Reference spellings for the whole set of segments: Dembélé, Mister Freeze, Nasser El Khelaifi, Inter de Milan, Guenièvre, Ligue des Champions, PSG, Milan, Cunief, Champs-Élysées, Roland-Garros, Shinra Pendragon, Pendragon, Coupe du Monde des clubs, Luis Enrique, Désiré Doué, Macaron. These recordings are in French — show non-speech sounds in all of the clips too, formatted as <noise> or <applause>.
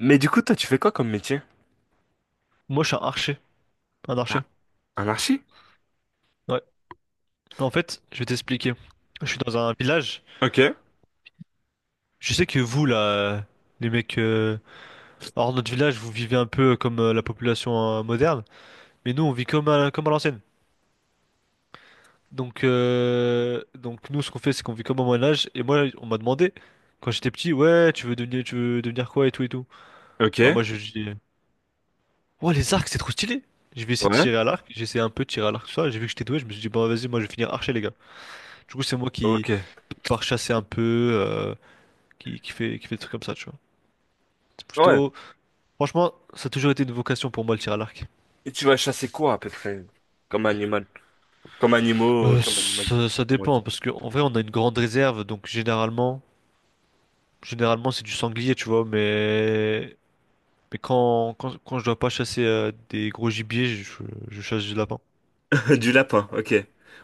Mais du coup, toi, tu fais quoi comme métier? Moi, je suis un archer. Un Un, archer. un archi? Ouais. En fait, je vais t'expliquer. Je suis dans un village. Ok, Je sais que vous, là, les mecs, hors notre village, vous vivez un peu comme la population moderne. Mais nous, on vit comme à l'ancienne. Donc, nous, ce qu'on fait, c'est qu'on vit comme au Moyen-Âge. Et moi, on m'a demandé quand j'étais petit, ouais, tu veux devenir quoi et tout et tout. ok, Bah, moi, je dis, ouais, les arcs, c'est trop stylé. Je vais essayer de ouais, tirer à l'arc. J'ai essayé un peu de tirer à l'arc, tout ça. J'ai vu que j'étais doué. Je me suis dit, bon, vas-y, moi, je vais finir archer, les gars. Du coup, c'est moi qui ok. pars chasser un peu. Qui qui fait des trucs comme ça, tu vois. C'est Ouais. plutôt. Franchement, ça a toujours été une vocation pour moi le tir à l'arc. Et tu vas chasser quoi à peu près? Comme animal. Comme animaux, Euh, comme animal. ça, ça Comment dépend, dire? parce qu'en vrai, on a une grande réserve, donc généralement c'est du sanglier, tu vois, mais. Mais quand je dois pas chasser des gros gibiers, je chasse du lapin. <laughs> Du lapin, ok.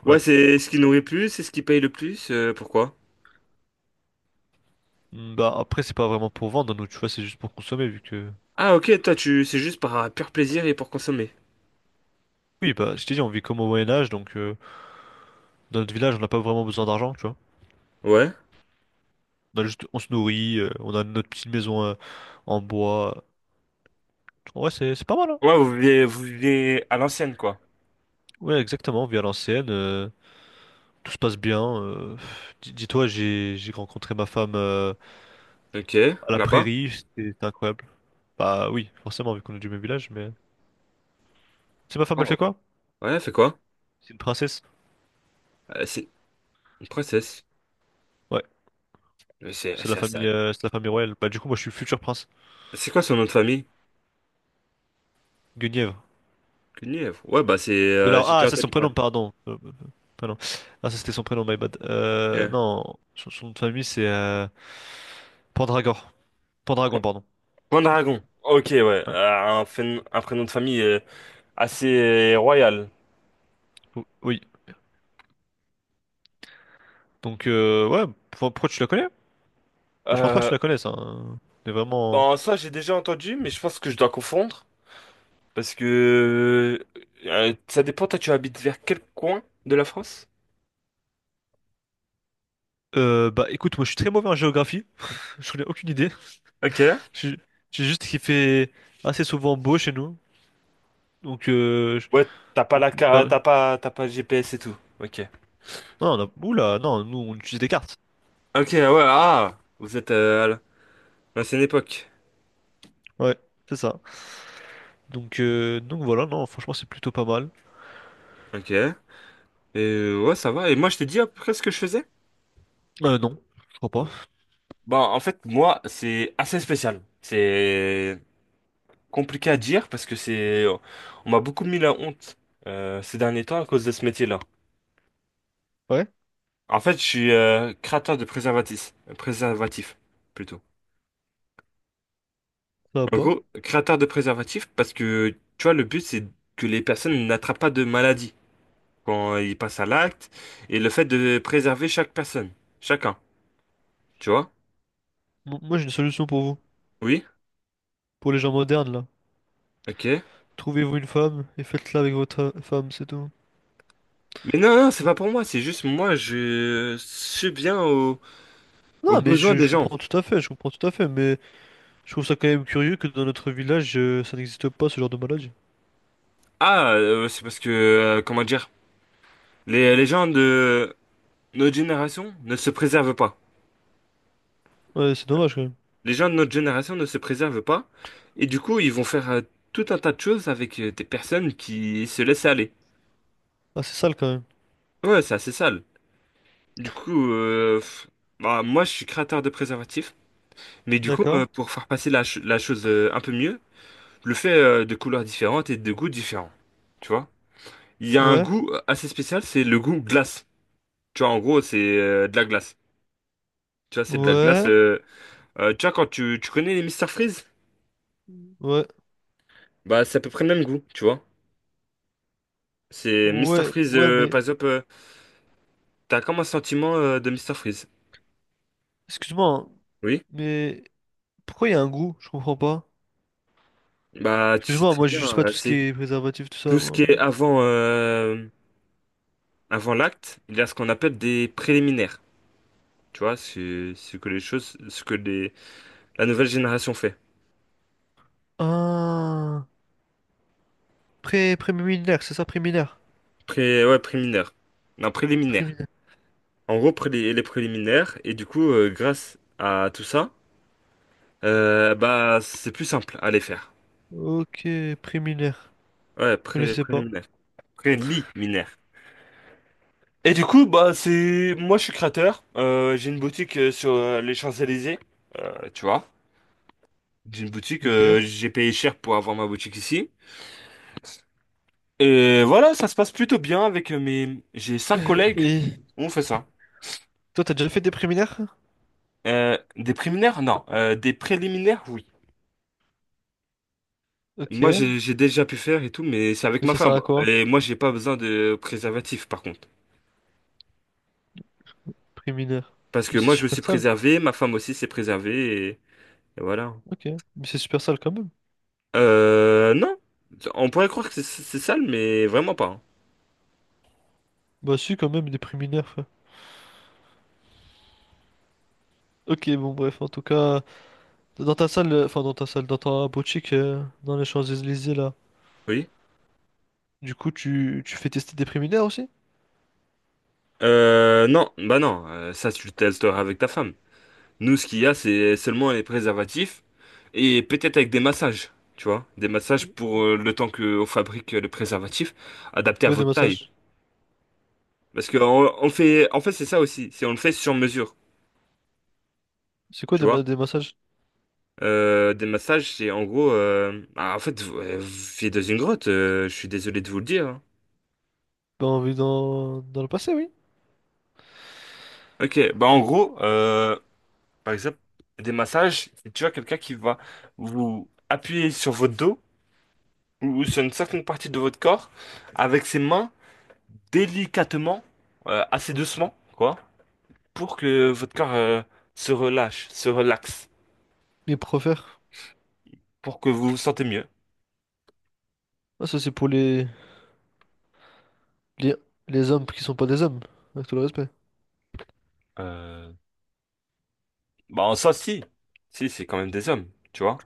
Ouais, Ouais. c'est ce qui nourrit le plus, c'est ce qui paye le plus, pourquoi? Mm, bah après, c'est pas vraiment pour vendre, nous, tu vois, c'est juste pour consommer, vu que. Ah, ok, toi, tu, c'est juste par pur plaisir et pour consommer. Oui, bah, je t'ai dit, on vit comme au Moyen-Âge, donc dans notre village, on n'a pas vraiment besoin d'argent, tu vois. Ouais, On a juste, on se nourrit, on a notre petite maison en bois. Ouais, c'est pas mal, hein. ouais, vous vivez à l'ancienne, quoi. Ouais, exactement, via l'ancienne. Tout se passe bien. Dis-toi, j'ai rencontré ma femme Ok, à la là-bas. prairie. C'était incroyable. Bah oui, forcément, vu qu'on est du même village. Mais c'est ma femme, elle fait Oh. quoi? Ouais, elle fait quoi? C'est une princesse? C'est une princesse. Ouais, Mais C'est, c'est la c'est, famille, c'est c'est la famille royale. Bah du coup, moi, je suis le futur prince. c'est quoi son nom de famille? Guenièvre. Cunief. Ouais, bah c'est. De là, J'ai ah, déjà ça c'est son entendu prénom, parler. pardon. Prénom. Ah, ça c'était son prénom, my bad. Euh, Non, son nom de famille c'est Pendragor. Pendragon, Pan- pardon. Pendragon. Ok, ouais. Ouais. Un prénom de famille assez royal. O- Oui. Donc ouais, pourquoi tu la connais? Bah, je pense pas que Euh, tu la connaisses, hein. Mais vraiment. bon, ça, j'ai déjà entendu, mais je pense que je dois confondre. Parce que. Ça dépend, toi, tu habites vers quel coin de la France? Bah écoute, moi je suis très mauvais en géographie. <laughs> Je connais aucune idée. Ok. J'ai j'ai juste qu'il fait assez souvent beau chez nous. Donc, Ouais, t'as pas donc, la carte, Berl- t'as pas le GPS et tout. Ok. non, on a... Oula, non, nous on utilise des cartes. Ok, ouais, ah! Vous êtes à l'ancienne époque. Ouais, c'est ça. Donc, voilà, non, franchement c'est plutôt pas mal. Ok. Et ouais, ça va. Et moi, je t'ai dit à peu près ce que je faisais? Non, je crois pas. Bah, en fait, moi, c'est assez spécial. C'est compliqué à dire parce que c'est, on m'a beaucoup mis la honte ces derniers temps à cause de ce métier-là. Ouais, En fait, je suis créateur de préservatifs, préservatifs plutôt. ça va En pas. gros, créateur de préservatifs parce que, tu vois, le but, c'est que les personnes n'attrapent pas de maladie quand ils passent à l'acte et le fait de préserver chaque personne, chacun, tu vois? Moi j'ai une solution pour vous. Oui? Pour les gens modernes là. Ok. Trouvez-vous une femme et faites-la avec votre femme, c'est tout. Mais non, non, c'est pas pour moi, c'est juste moi, je suis bien aux, aux Non, mais besoins des je gens. comprends tout à fait, je comprends tout à fait, mais je trouve ça quand même curieux que dans notre village, ça n'existe pas ce genre de maladie. Ah, c'est parce que, comment dire, les gens de notre génération ne se préservent pas. Ouais, c'est dommage quand même. Les gens de notre génération ne se préservent pas, et du coup, ils vont faire tout un tas de choses avec des personnes qui se laissent aller. Ah, c'est sale quand même. Ouais, c'est assez sale. Du coup, pff, bah, moi, je suis créateur de préservatifs, mais du coup, D'accord. pour faire passer la, la chose un peu mieux, je le fais de couleurs différentes et de goûts différents. Tu vois? Il y a un Ouais. goût assez spécial, c'est le goût glace. Tu vois, en gros, c'est de la glace. Tu vois, c'est de la glace. Ouais. Tu vois, quand tu connais les Mister Freeze, Ouais. bah c'est à peu près le même goût, tu vois. C'est Mister Ouais. Freeze, Ouais, mais par exemple, t'as comme un sentiment de Mister Freeze. excuse-moi, hein, Oui. mais pourquoi il y a un goût? Je comprends pas. Bah tu sais Excuse-moi, très moi bien, je sais pas tout ce qui c'est est préservatif, tout ça, tout ce qui moi. est avant, avant l'acte, il y a ce qu'on appelle des préliminaires. Tu vois, c'est ce que les choses, ce que les, la nouvelle génération fait. Ah, pré préliminaire, c'est ça, préliminaire. Pré, ouais, préliminaire. Non, préliminaire. Préliminaire. En gros, les préliminaires, et du coup, grâce à tout ça, bah c'est plus simple à les faire. Ok, préliminaire. Ouais, Je connaissais pas. préliminaire. Friendly mineur. Et du coup, bah c'est moi je suis créateur. J'ai une boutique sur les Champs-Élysées, tu vois. J'ai une boutique, Ok. <coughs> J'ai payé cher pour avoir ma boutique ici. Et voilà, ça se passe plutôt bien avec mes. J'ai cinq Euh, collègues. Et On fait ça. toi, t'as déjà fait des préliminaires? Des préliminaires? Non. Des préliminaires, oui. Ok. Moi Mais j'ai déjà pu faire et tout, mais c'est avec ma ça femme. sert à quoi? Et moi j'ai pas besoin de préservatif par contre, Préliminaire. parce que Mais c'est moi je me suis super sale. préservé, ma femme aussi s'est préservée et voilà. Ok, mais c'est super sale quand même. Non. On pourrait croire que c'est sale, mais vraiment pas. Hein. Bah si, quand même, il est priminaire, frère. Ok, bon, bref, en tout cas, dans ta salle, dans ta boutique, dans les Champs-Élysées, là, Oui. du coup, tu fais tester des préminaires aussi? Non, bah non, ça tu le testeras avec ta femme. Nous, ce qu'il y a, c'est seulement les préservatifs et peut-être avec des massages, tu vois, des massages pour le temps qu'on fabrique le préservatif, C'est adapté à quoi des votre taille. massages? Parce que on fait, en fait, c'est ça aussi, c'est on le fait sur mesure, C'est quoi tu vois. Des massages? Des massages, c'est en gros, bah, en fait, vous, vous vivez dans une grotte. Je suis désolé de vous le dire. Hein. Bah on vit dans le passé, oui. Ok, bah en gros, par exemple, des massages, c'est tu vois quelqu'un qui va vous appuyer sur votre dos ou sur une certaine partie de votre corps avec ses mains délicatement, assez doucement, quoi, pour que votre corps se relâche, se relaxe, Les profères. pour que vous vous sentez mieux. Ah, ça, c'est pour les, les hommes qui sont pas des hommes, avec tout le respect. Euh, Bah en soi, si, si, c'est quand même des hommes, tu vois.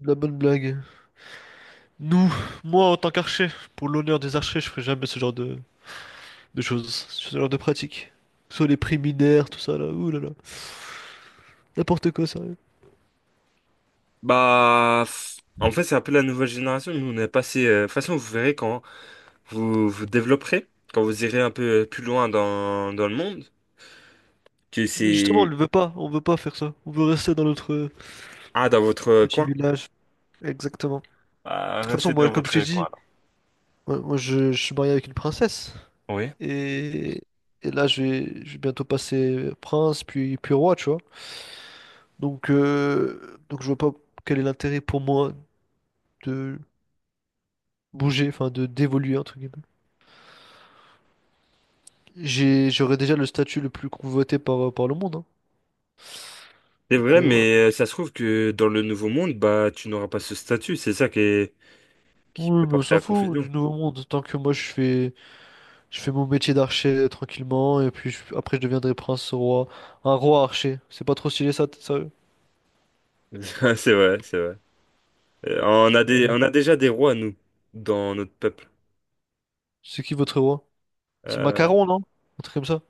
De la bonne blague. Nous, moi, en tant qu'archer, pour l'honneur des archers, je ferai jamais ce genre de choses, ce genre de pratiques. Soit les préminaires, tout ça, là, ouh là là. N'importe quoi, sérieux. Bah, en fait, c'est un peu la nouvelle génération. Nous, on est passé. De toute façon, vous verrez quand vous vous développerez, quand vous irez un peu plus loin dans, dans le monde, que Mais justement, c'est on veut pas faire ça. On veut rester dans notre Ah, dans votre petit coin? village. Exactement. De Ah, toute façon, restez moi, dans comme je t'ai votre dit, coin, là. Je suis marié avec une princesse. Oui. Et, je vais bientôt passer prince, puis roi, tu vois. Donc, je vois pas quel est l'intérêt pour moi de bouger, enfin, de d'évoluer, entre guillemets. J'aurais déjà le statut le plus convoité par, par le monde, hein. C'est Donc, vrai, voilà. mais ça se trouve que dans le Nouveau Monde, bah, tu n'auras pas ce statut. C'est ça qui est- qui Oui, peut mais on porter s'en à fout confusion. du nouveau monde. Tant que moi, je fais mon métier d'archer tranquillement et puis après je deviendrai prince roi. Un roi archer. C'est pas trop stylé ça, t- sérieux? <laughs> Ah, c'est vrai, c'est vrai. On a des, Voilà. on a déjà des rois, nous, dans notre peuple. C'est qui votre roi? C'est Euh, Macaron, non? Un truc comme ça.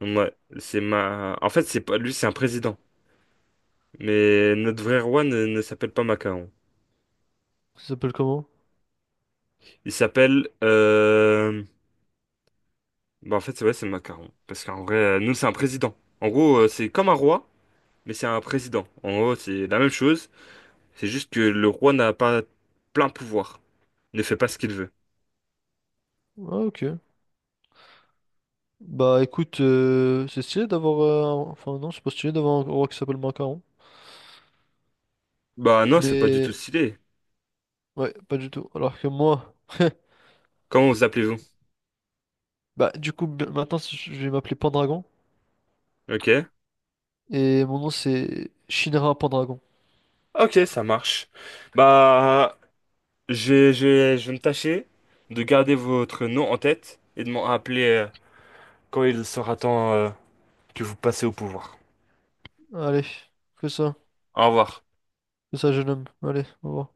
ouais, c'est ma... En fait, c'est pas... lui, c'est un président. Mais notre vrai roi ne, ne s'appelle pas Macaron. Ça s'appelle comment? Il s'appelle... Bah, en fait, c'est vrai, c'est Macaron. Parce qu'en vrai, nous, c'est un président. En gros, c'est comme un roi, mais c'est un président. En gros, c'est la même chose. C'est juste que le roi n'a pas plein pouvoir. Ne fait pas ce qu'il veut. Ah ok. Bah écoute, c'est stylé d'avoir... Enfin non, c'est pas stylé d'avoir un roi qui s'appelle Macaron. Bah non, c'est pas du tout Mais... stylé. Ouais, pas du tout. Alors que moi... Comment vous appelez-vous? Bah du coup, maintenant je vais m'appeler Pendragon. Ok. Et mon nom c'est Shinra Pendragon. Ok, ça marche. Bah, je vais me tâcher de garder votre nom en tête et de m'en rappeler quand il sera temps que vous passez au pouvoir. Allez, fais ça. Au revoir. Fais ça jeune homme. Allez, au revoir.